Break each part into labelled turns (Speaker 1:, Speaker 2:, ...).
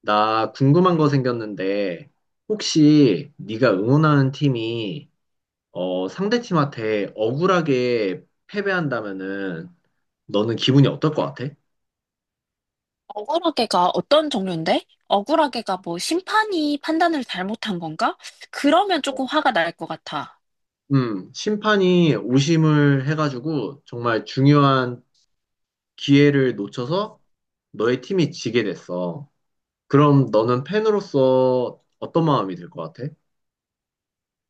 Speaker 1: 나 궁금한 거 생겼는데, 혹시 네가 응원하는 팀이 상대 팀한테 억울하게 패배한다면은 너는 기분이 어떨 것 같아?
Speaker 2: 억울하게가 어떤 종류인데? 억울하게가 뭐 심판이 판단을 잘못한 건가? 그러면
Speaker 1: 어,
Speaker 2: 조금 화가 날 것 같아.
Speaker 1: 심판이 오심을 해가지고 정말 중요한 기회를 놓쳐서 너의 팀이 지게 됐어. 그럼 너는 팬으로서 어떤 마음이 들 것 같아?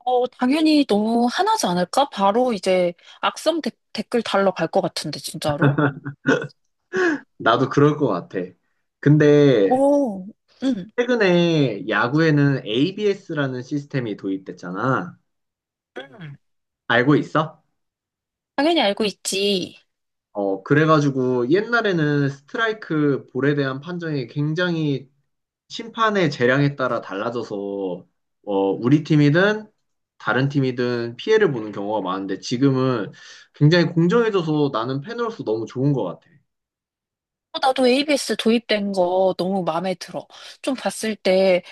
Speaker 2: 당연히 너무 화나지 않을까? 바로 이제 악성 댓글 달러 갈 것 같은데, 진짜로?
Speaker 1: 나도 그럴 것 같아. 근데
Speaker 2: 오, 응,
Speaker 1: 최근에 야구에는 ABS라는 시스템이 도입됐잖아.
Speaker 2: 응.
Speaker 1: 알고 있어?
Speaker 2: 당연히 알고 있지.
Speaker 1: 그래가지고 옛날에는 스트라이크 볼에 대한 판정이 굉장히 심판의 재량에 따라 달라져서 우리 팀이든 다른 팀이든 피해를 보는 경우가 많은데 지금은 굉장히 공정해져서 나는 팬으로서 너무 좋은 것 같아.
Speaker 2: 나도 ABS 도입된 거 너무 마음에 들어. 좀 봤을 때,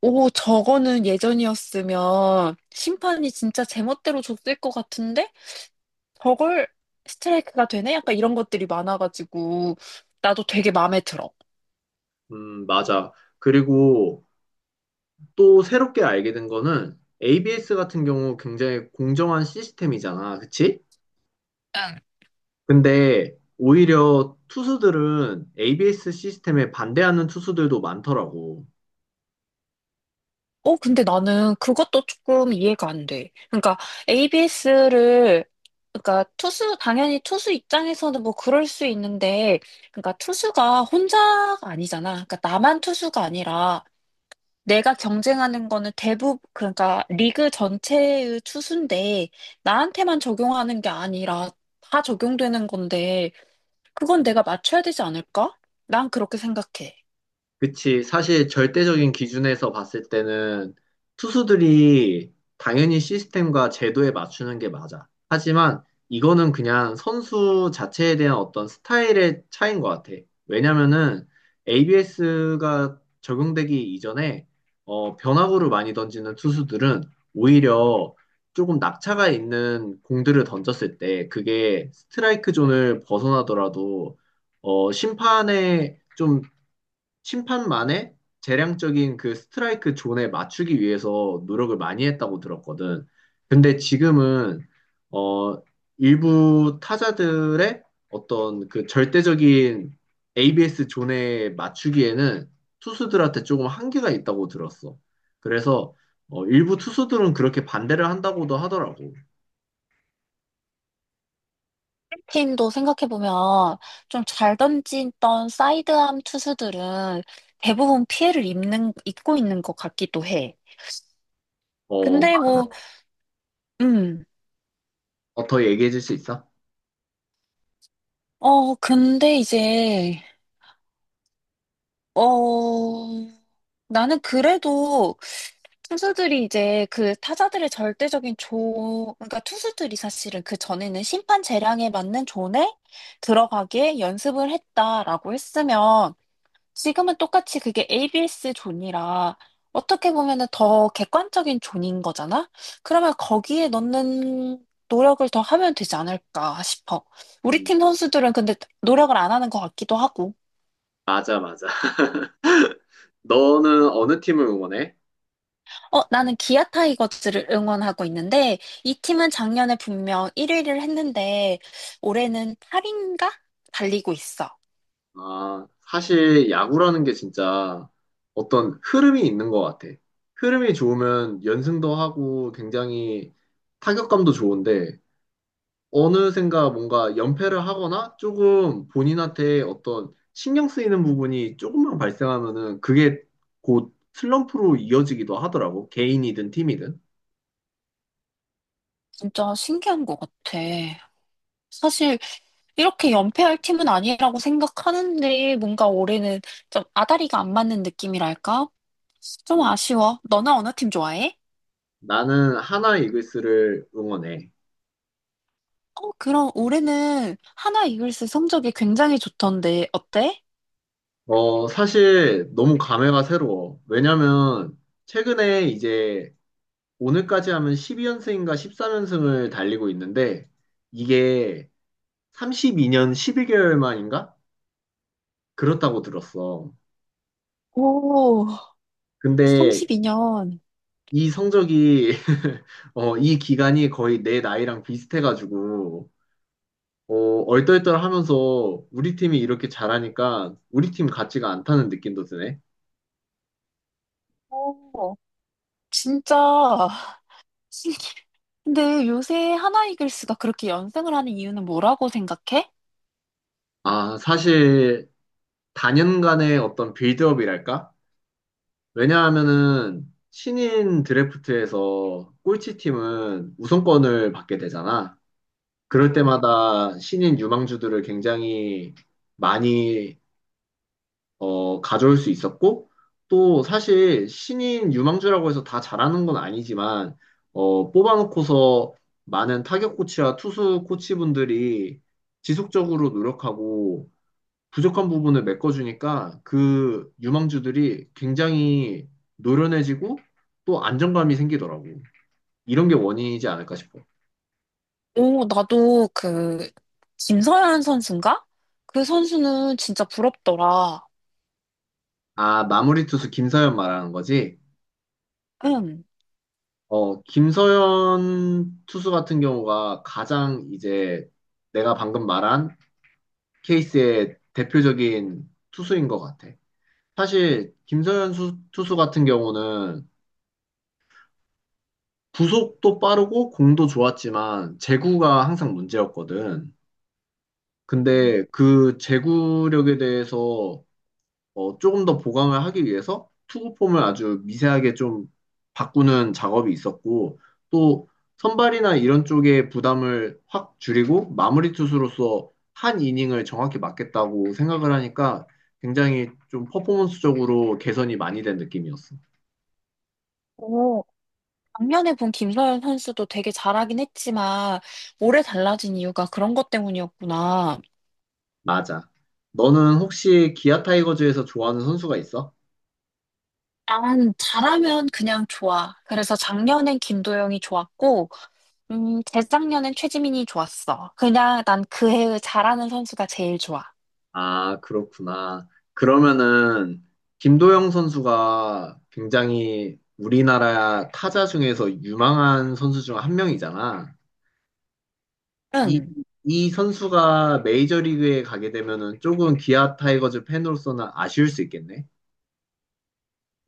Speaker 2: 오, 저거는 예전이었으면 심판이 진짜 제멋대로 줬을 것 같은데? 저걸 스트라이크가 되네? 약간 이런 것들이 많아가지고 나도 되게 마음에 들어.
Speaker 1: 맞아. 그리고 또 새롭게 알게 된 거는 ABS 같은 경우 굉장히 공정한 시스템이잖아. 그치?
Speaker 2: 응,
Speaker 1: 근데 오히려 투수들은 ABS 시스템에 반대하는 투수들도 많더라고.
Speaker 2: 근데 나는 그것도 조금 이해가 안 돼. 그러니까 ABS를 그러니까 투수 당연히 투수 입장에서는 뭐 그럴 수 있는데 그러니까 투수가 혼자가 아니잖아. 그러니까 나만 투수가 아니라 내가 경쟁하는 거는 대부분 그러니까 리그 전체의 투수인데 나한테만 적용하는 게 아니라 다 적용되는 건데 그건 내가 맞춰야 되지 않을까? 난 그렇게 생각해.
Speaker 1: 그치. 사실 절대적인 기준에서 봤을 때는 투수들이 당연히 시스템과 제도에 맞추는 게 맞아. 하지만 이거는 그냥 선수 자체에 대한 어떤 스타일의 차이인 것 같아. 왜냐면은 ABS가 적용되기 이전에 변화구를 많이 던지는 투수들은 오히려 조금 낙차가 있는 공들을 던졌을 때 그게 스트라이크 존을 벗어나더라도 심판의 좀 심판만의 재량적인 그 스트라이크 존에 맞추기 위해서 노력을 많이 했다고 들었거든. 근데 지금은 어 일부 타자들의 어떤 그 절대적인 ABS 존에 맞추기에는 투수들한테 조금 한계가 있다고 들었어. 그래서 일부 투수들은 그렇게 반대를 한다고도 하더라고.
Speaker 2: 팀도 생각해보면 좀 잘 던지던 사이드암 투수들은 대부분 피해를 입고 있는 것 같기도 해.
Speaker 1: 어,
Speaker 2: 근데 뭐, 음,
Speaker 1: 더 얘기해 줄 수 있어?
Speaker 2: 근데 이제, 어, 나는 그래도 투수들이 이제 그 타자들의 절대적인 그러니까 투수들이 사실은 그 전에는 심판 재량에 맞는 존에 들어가게 연습을 했다라고 했으면 지금은 똑같이 그게 ABS 존이라 어떻게 보면은 더 객관적인 존인 거잖아? 그러면 거기에 넣는 노력을 더 하면 되지 않을까 싶어. 우리
Speaker 1: 음,
Speaker 2: 팀 선수들은 근데 노력을 안 하는 것 같기도 하고.
Speaker 1: 맞아, 맞아. 너는 어느 팀을 응원해?
Speaker 2: 나는 기아 타이거즈를 응원하고 있는데 이 팀은 작년에 분명 1위를 했는데 올해는 8인가 달리고 있어.
Speaker 1: 아, 사실 야구라는 게 진짜 어떤 흐름이 있는 것 같아. 흐름이 좋으면 연승도 하고 굉장히 타격감도 좋은데 어느샌가 뭔가 연패를 하거나 조금 본인한테 어떤 신경 쓰이는 부분이 조금만 발생하면은 그게 곧 슬럼프로 이어지기도 하더라고. 개인이든 팀이든.
Speaker 2: 진짜 신기한 것 같아. 사실 이렇게 연패할 팀은 아니라고 생각하는데 뭔가 올해는 좀 아다리가 안 맞는 느낌이랄까? 좀
Speaker 1: 음,
Speaker 2: 아쉬워. 너나 어느 팀 좋아해?
Speaker 1: 나는 하나 이글스를 응원해.
Speaker 2: 그럼 올해는 하나 이글스 성적이 굉장히 좋던데 어때?
Speaker 1: 어, 사실 너무 감회가 새로워. 왜냐면 최근에 이제 오늘까지 하면 12연승인가 13연승을 달리고 있는데 이게 32년 11개월 만인가? 그렇다고 들었어.
Speaker 2: 오,
Speaker 1: 근데
Speaker 2: 32년.
Speaker 1: 이 성적이 이 기간이 거의 내 나이랑 비슷해가지고 어, 얼떨떨하면서 우리 팀이 이렇게 잘하니까 우리 팀 같지가 않다는 느낌도 드네.
Speaker 2: 오, 진짜 신기해. 근데 요새 하나 이글스가 그렇게 연승을 하는 이유는 뭐라고 생각해?
Speaker 1: 아, 사실 단연간의 어떤 빌드업이랄까? 왜냐하면은 신인 드래프트에서 꼴찌팀은 우선권을 받게 되잖아. 그럴 때마다 신인 유망주들을 굉장히 많이 가져올 수 있었고 또 사실 신인 유망주라고 해서 다 잘하는 건 아니지만 뽑아놓고서 많은 타격 코치와 투수 코치분들이 지속적으로 노력하고 부족한 부분을 메꿔주니까 그 유망주들이 굉장히 노련해지고 또 안정감이 생기더라고. 이런 게 원인이지 않을까 싶어.
Speaker 2: 오, 나도 그 김서현 선수인가? 그 선수는 진짜 부럽더라.
Speaker 1: 아, 마무리 투수 김서현 말하는 거지?
Speaker 2: 응.
Speaker 1: 어, 김서현 투수 같은 경우가 가장 이제 내가 방금 말한 케이스의 대표적인 투수인 것 같아. 사실 투수 같은 경우는 구속도 빠르고 공도 좋았지만 제구가 항상 문제였거든.
Speaker 2: 음.
Speaker 1: 근데 그 제구력에 대해서 조금 더 보강을 하기 위해서 투구폼을 아주 미세하게 좀 바꾸는 작업이 있었고 또 선발이나 이런 쪽에 부담을 확 줄이고 마무리 투수로서 한 이닝을 정확히 맞겠다고 생각을 하니까 굉장히 좀 퍼포먼스적으로 개선이 많이 된 느낌이었어.
Speaker 2: 오, 작년에 본 김서현 선수도 되게 잘하긴 했지만 올해 달라진 이유가 그런 것 때문이었구나.
Speaker 1: 맞아. 너는 혹시 기아 타이거즈에서 좋아하는 선수가 있어?
Speaker 2: 난 잘하면 그냥 좋아. 그래서 작년엔 김도영이 좋았고, 재작년엔 최지민이 좋았어. 그냥 난 그 해의 잘하는 선수가 제일 좋아.
Speaker 1: 아, 그렇구나. 그러면은 김도영 선수가 굉장히 우리나라 타자 중에서 유망한 선수 중 한 명이잖아. 이,
Speaker 2: 응.
Speaker 1: 이 선수가 메이저리그에 가게 되면은 조금 기아 타이거즈 팬으로서는 아쉬울 수 있겠네.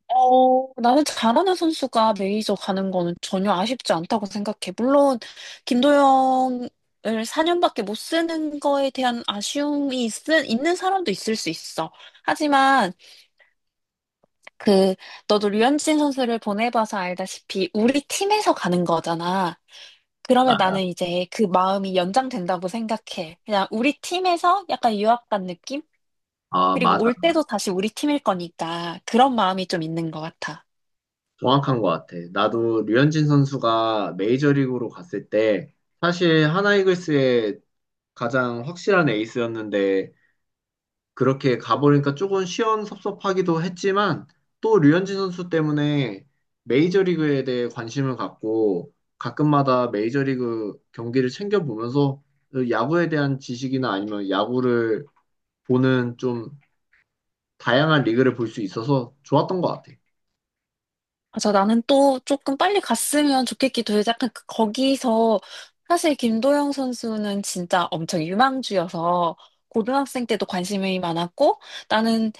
Speaker 2: 나는 잘하는 선수가 메이저 가는 거는 전혀 아쉽지 않다고 생각해. 물론, 김도영을 4년밖에 못 쓰는 거에 대한 아쉬움이 있는 사람도 있을 수 있어. 하지만, 그, 너도 류현진 선수를 보내봐서 알다시피, 우리 팀에서 가는 거잖아. 그러면 나는 이제 그 마음이 연장된다고 생각해. 그냥 우리 팀에서 약간 유학 간 느낌?
Speaker 1: 아,
Speaker 2: 그리고
Speaker 1: 맞아.
Speaker 2: 올 때도 다시 우리 팀일 거니까 그런 마음이 좀 있는 것 같아.
Speaker 1: 정확한 것 같아. 나도 류현진 선수가 메이저리그로 갔을 때 사실 하나이글스의 가장 확실한 에이스였는데 그렇게 가보니까 조금 시원섭섭하기도 했지만 또 류현진 선수 때문에 메이저리그에 대해 관심을 갖고 가끔마다 메이저리그 경기를 챙겨보면서 야구에 대한 지식이나 아니면 야구를 보는 좀 다양한 리그를 볼 수 있어서 좋았던 것 같아.
Speaker 2: 맞아, 나는 또 조금 빨리 갔으면 좋겠기도 해. 약간 거기서 사실 김도영 선수는 진짜 엄청 유망주여서 고등학생 때도 관심이 많았고 나는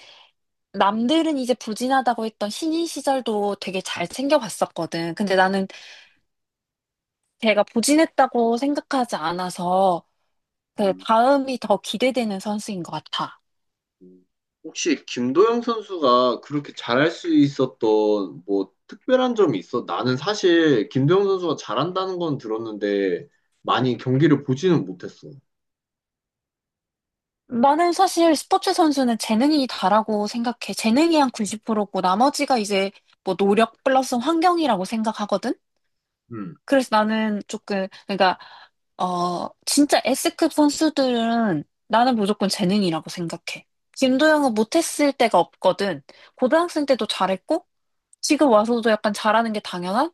Speaker 2: 남들은 이제 부진하다고 했던 신인 시절도 되게 잘 챙겨봤었거든. 근데 나는 걔가 부진했다고 생각하지 않아서 그
Speaker 1: 음,
Speaker 2: 다음이 더 기대되는 선수인 것 같아.
Speaker 1: 음. 혹시 김도영 선수가 그렇게 잘할 수 있었던 뭐 특별한 점이 있어? 나는 사실 김도영 선수가 잘한다는 건 들었는데 많이 경기를 보지는 못했어.
Speaker 2: 나는 사실 스포츠 선수는 재능이 다라고 생각해. 재능이 한 90%고 나머지가 이제 뭐 노력 플러스 환경이라고 생각하거든?
Speaker 1: 음,
Speaker 2: 그래서 나는 조금, 그러니까, 진짜 S급 선수들은 나는 무조건 재능이라고 생각해. 김도영은 못했을 때가 없거든. 고등학생 때도 잘했고, 지금 와서도 약간 잘하는 게 당연한?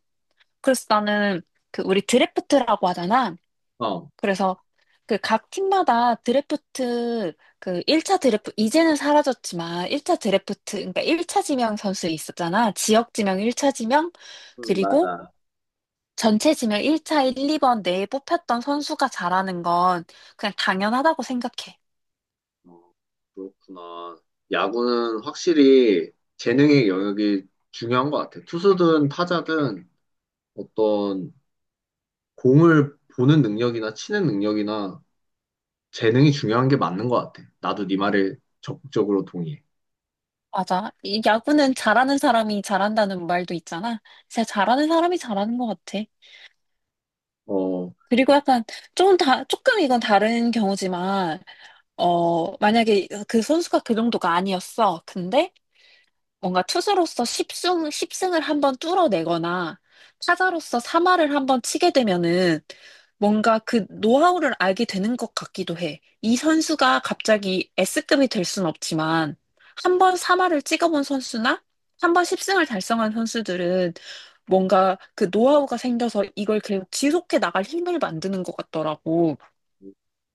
Speaker 2: 그래서 나는 그 우리 드래프트라고 하잖아.
Speaker 1: 어,
Speaker 2: 그래서 그 각 팀마다 드래프트 그 1차 드래프트 이제는 사라졌지만 1차 드래프트 그러니까 1차 지명 선수 있었잖아. 지역 지명 1차 지명 그리고
Speaker 1: 맞아.
Speaker 2: 전체 지명 1차 1, 2번 내에 뽑혔던 선수가 잘하는 건 그냥 당연하다고 생각해.
Speaker 1: 어, 그렇구나. 야구는 확실히 재능의 영역이 중요한 것 같아. 투수든 타자든 어떤 공을 보는 능력이나 치는 능력이나 재능이 중요한 게 맞는 것 같아. 나도 네 말에 적극적으로 동의해.
Speaker 2: 맞아. 이 야구는 잘하는 사람이 잘한다는 말도 있잖아. 진짜 잘하는 사람이 잘하는 것 같아.
Speaker 1: 어,
Speaker 2: 그리고 약간 조금 조금 이건 다른 경우지만 만약에 그 선수가 그 정도가 아니었어. 근데 뭔가 투수로서 10승, 10승을 한번 뚫어내거나 타자로서 3할을 한번 치게 되면은 뭔가 그 노하우를 알게 되는 것 같기도 해. 이 선수가 갑자기 S급이 될 순 없지만 한 번 3할을 찍어본 선수나 한 번 10승을 달성한 선수들은 뭔가 그 노하우가 생겨서 이걸 계속 지속해 나갈 힘을 만드는 것 같더라고.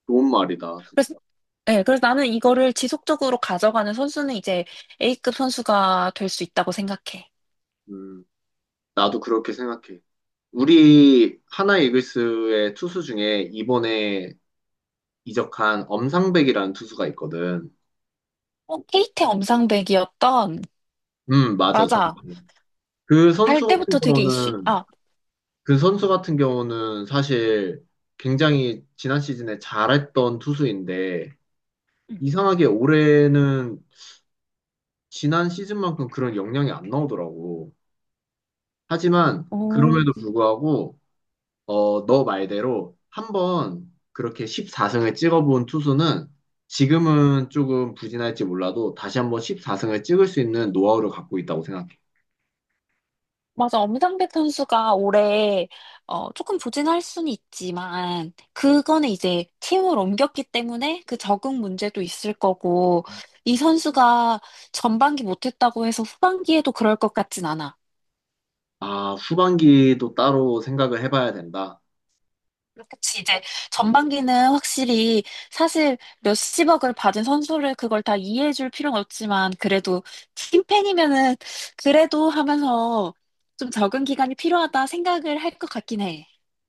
Speaker 1: 좋은 말이다,
Speaker 2: 그래서
Speaker 1: 진짜.
Speaker 2: 네, 그래서 나는 이거를 지속적으로 가져가는 선수는 이제 A급 선수가 될 수 있다고 생각해.
Speaker 1: 음, 나도 그렇게 생각해. 우리 하나 이글스의 투수 중에 이번에 이적한 엄상백이라는 투수가 있거든.
Speaker 2: 케이트 엄상백이었던,
Speaker 1: 맞아,
Speaker 2: 맞아.
Speaker 1: 정확해. 그
Speaker 2: 갈
Speaker 1: 선수 같은
Speaker 2: 때부터 되게 이슈,
Speaker 1: 경우는, 그 선수 같은 경우는 사실 굉장히 지난 시즌에 잘했던 투수인데,
Speaker 2: 음.
Speaker 1: 이상하게 올해는 지난 시즌만큼 그런 역량이 안 나오더라고. 하지만,
Speaker 2: 오,
Speaker 1: 그럼에도 불구하고, 너 말대로 한 번 그렇게 14승을 찍어본 투수는 지금은 조금 부진할지 몰라도 다시 한번 14승을 찍을 수 있는 노하우를 갖고 있다고 생각해.
Speaker 2: 맞아. 엄상백 선수가 올해, 조금 부진할 수는 있지만, 그거는 이제 팀을 옮겼기 때문에 그 적응 문제도 있을 거고, 이 선수가 전반기 못했다고 해서 후반기에도 그럴 것 같진 않아.
Speaker 1: 아, 후반기도 따로 생각을 해봐야 된다.
Speaker 2: 그치, 이제 전반기는 확실히 사실 몇십억을 받은 선수를 그걸 다 이해해줄 필요는 없지만 그래도 팀팬이면은 그래도 하면서 좀 적응 기간이 필요하다 생각을 할 것 같긴 해.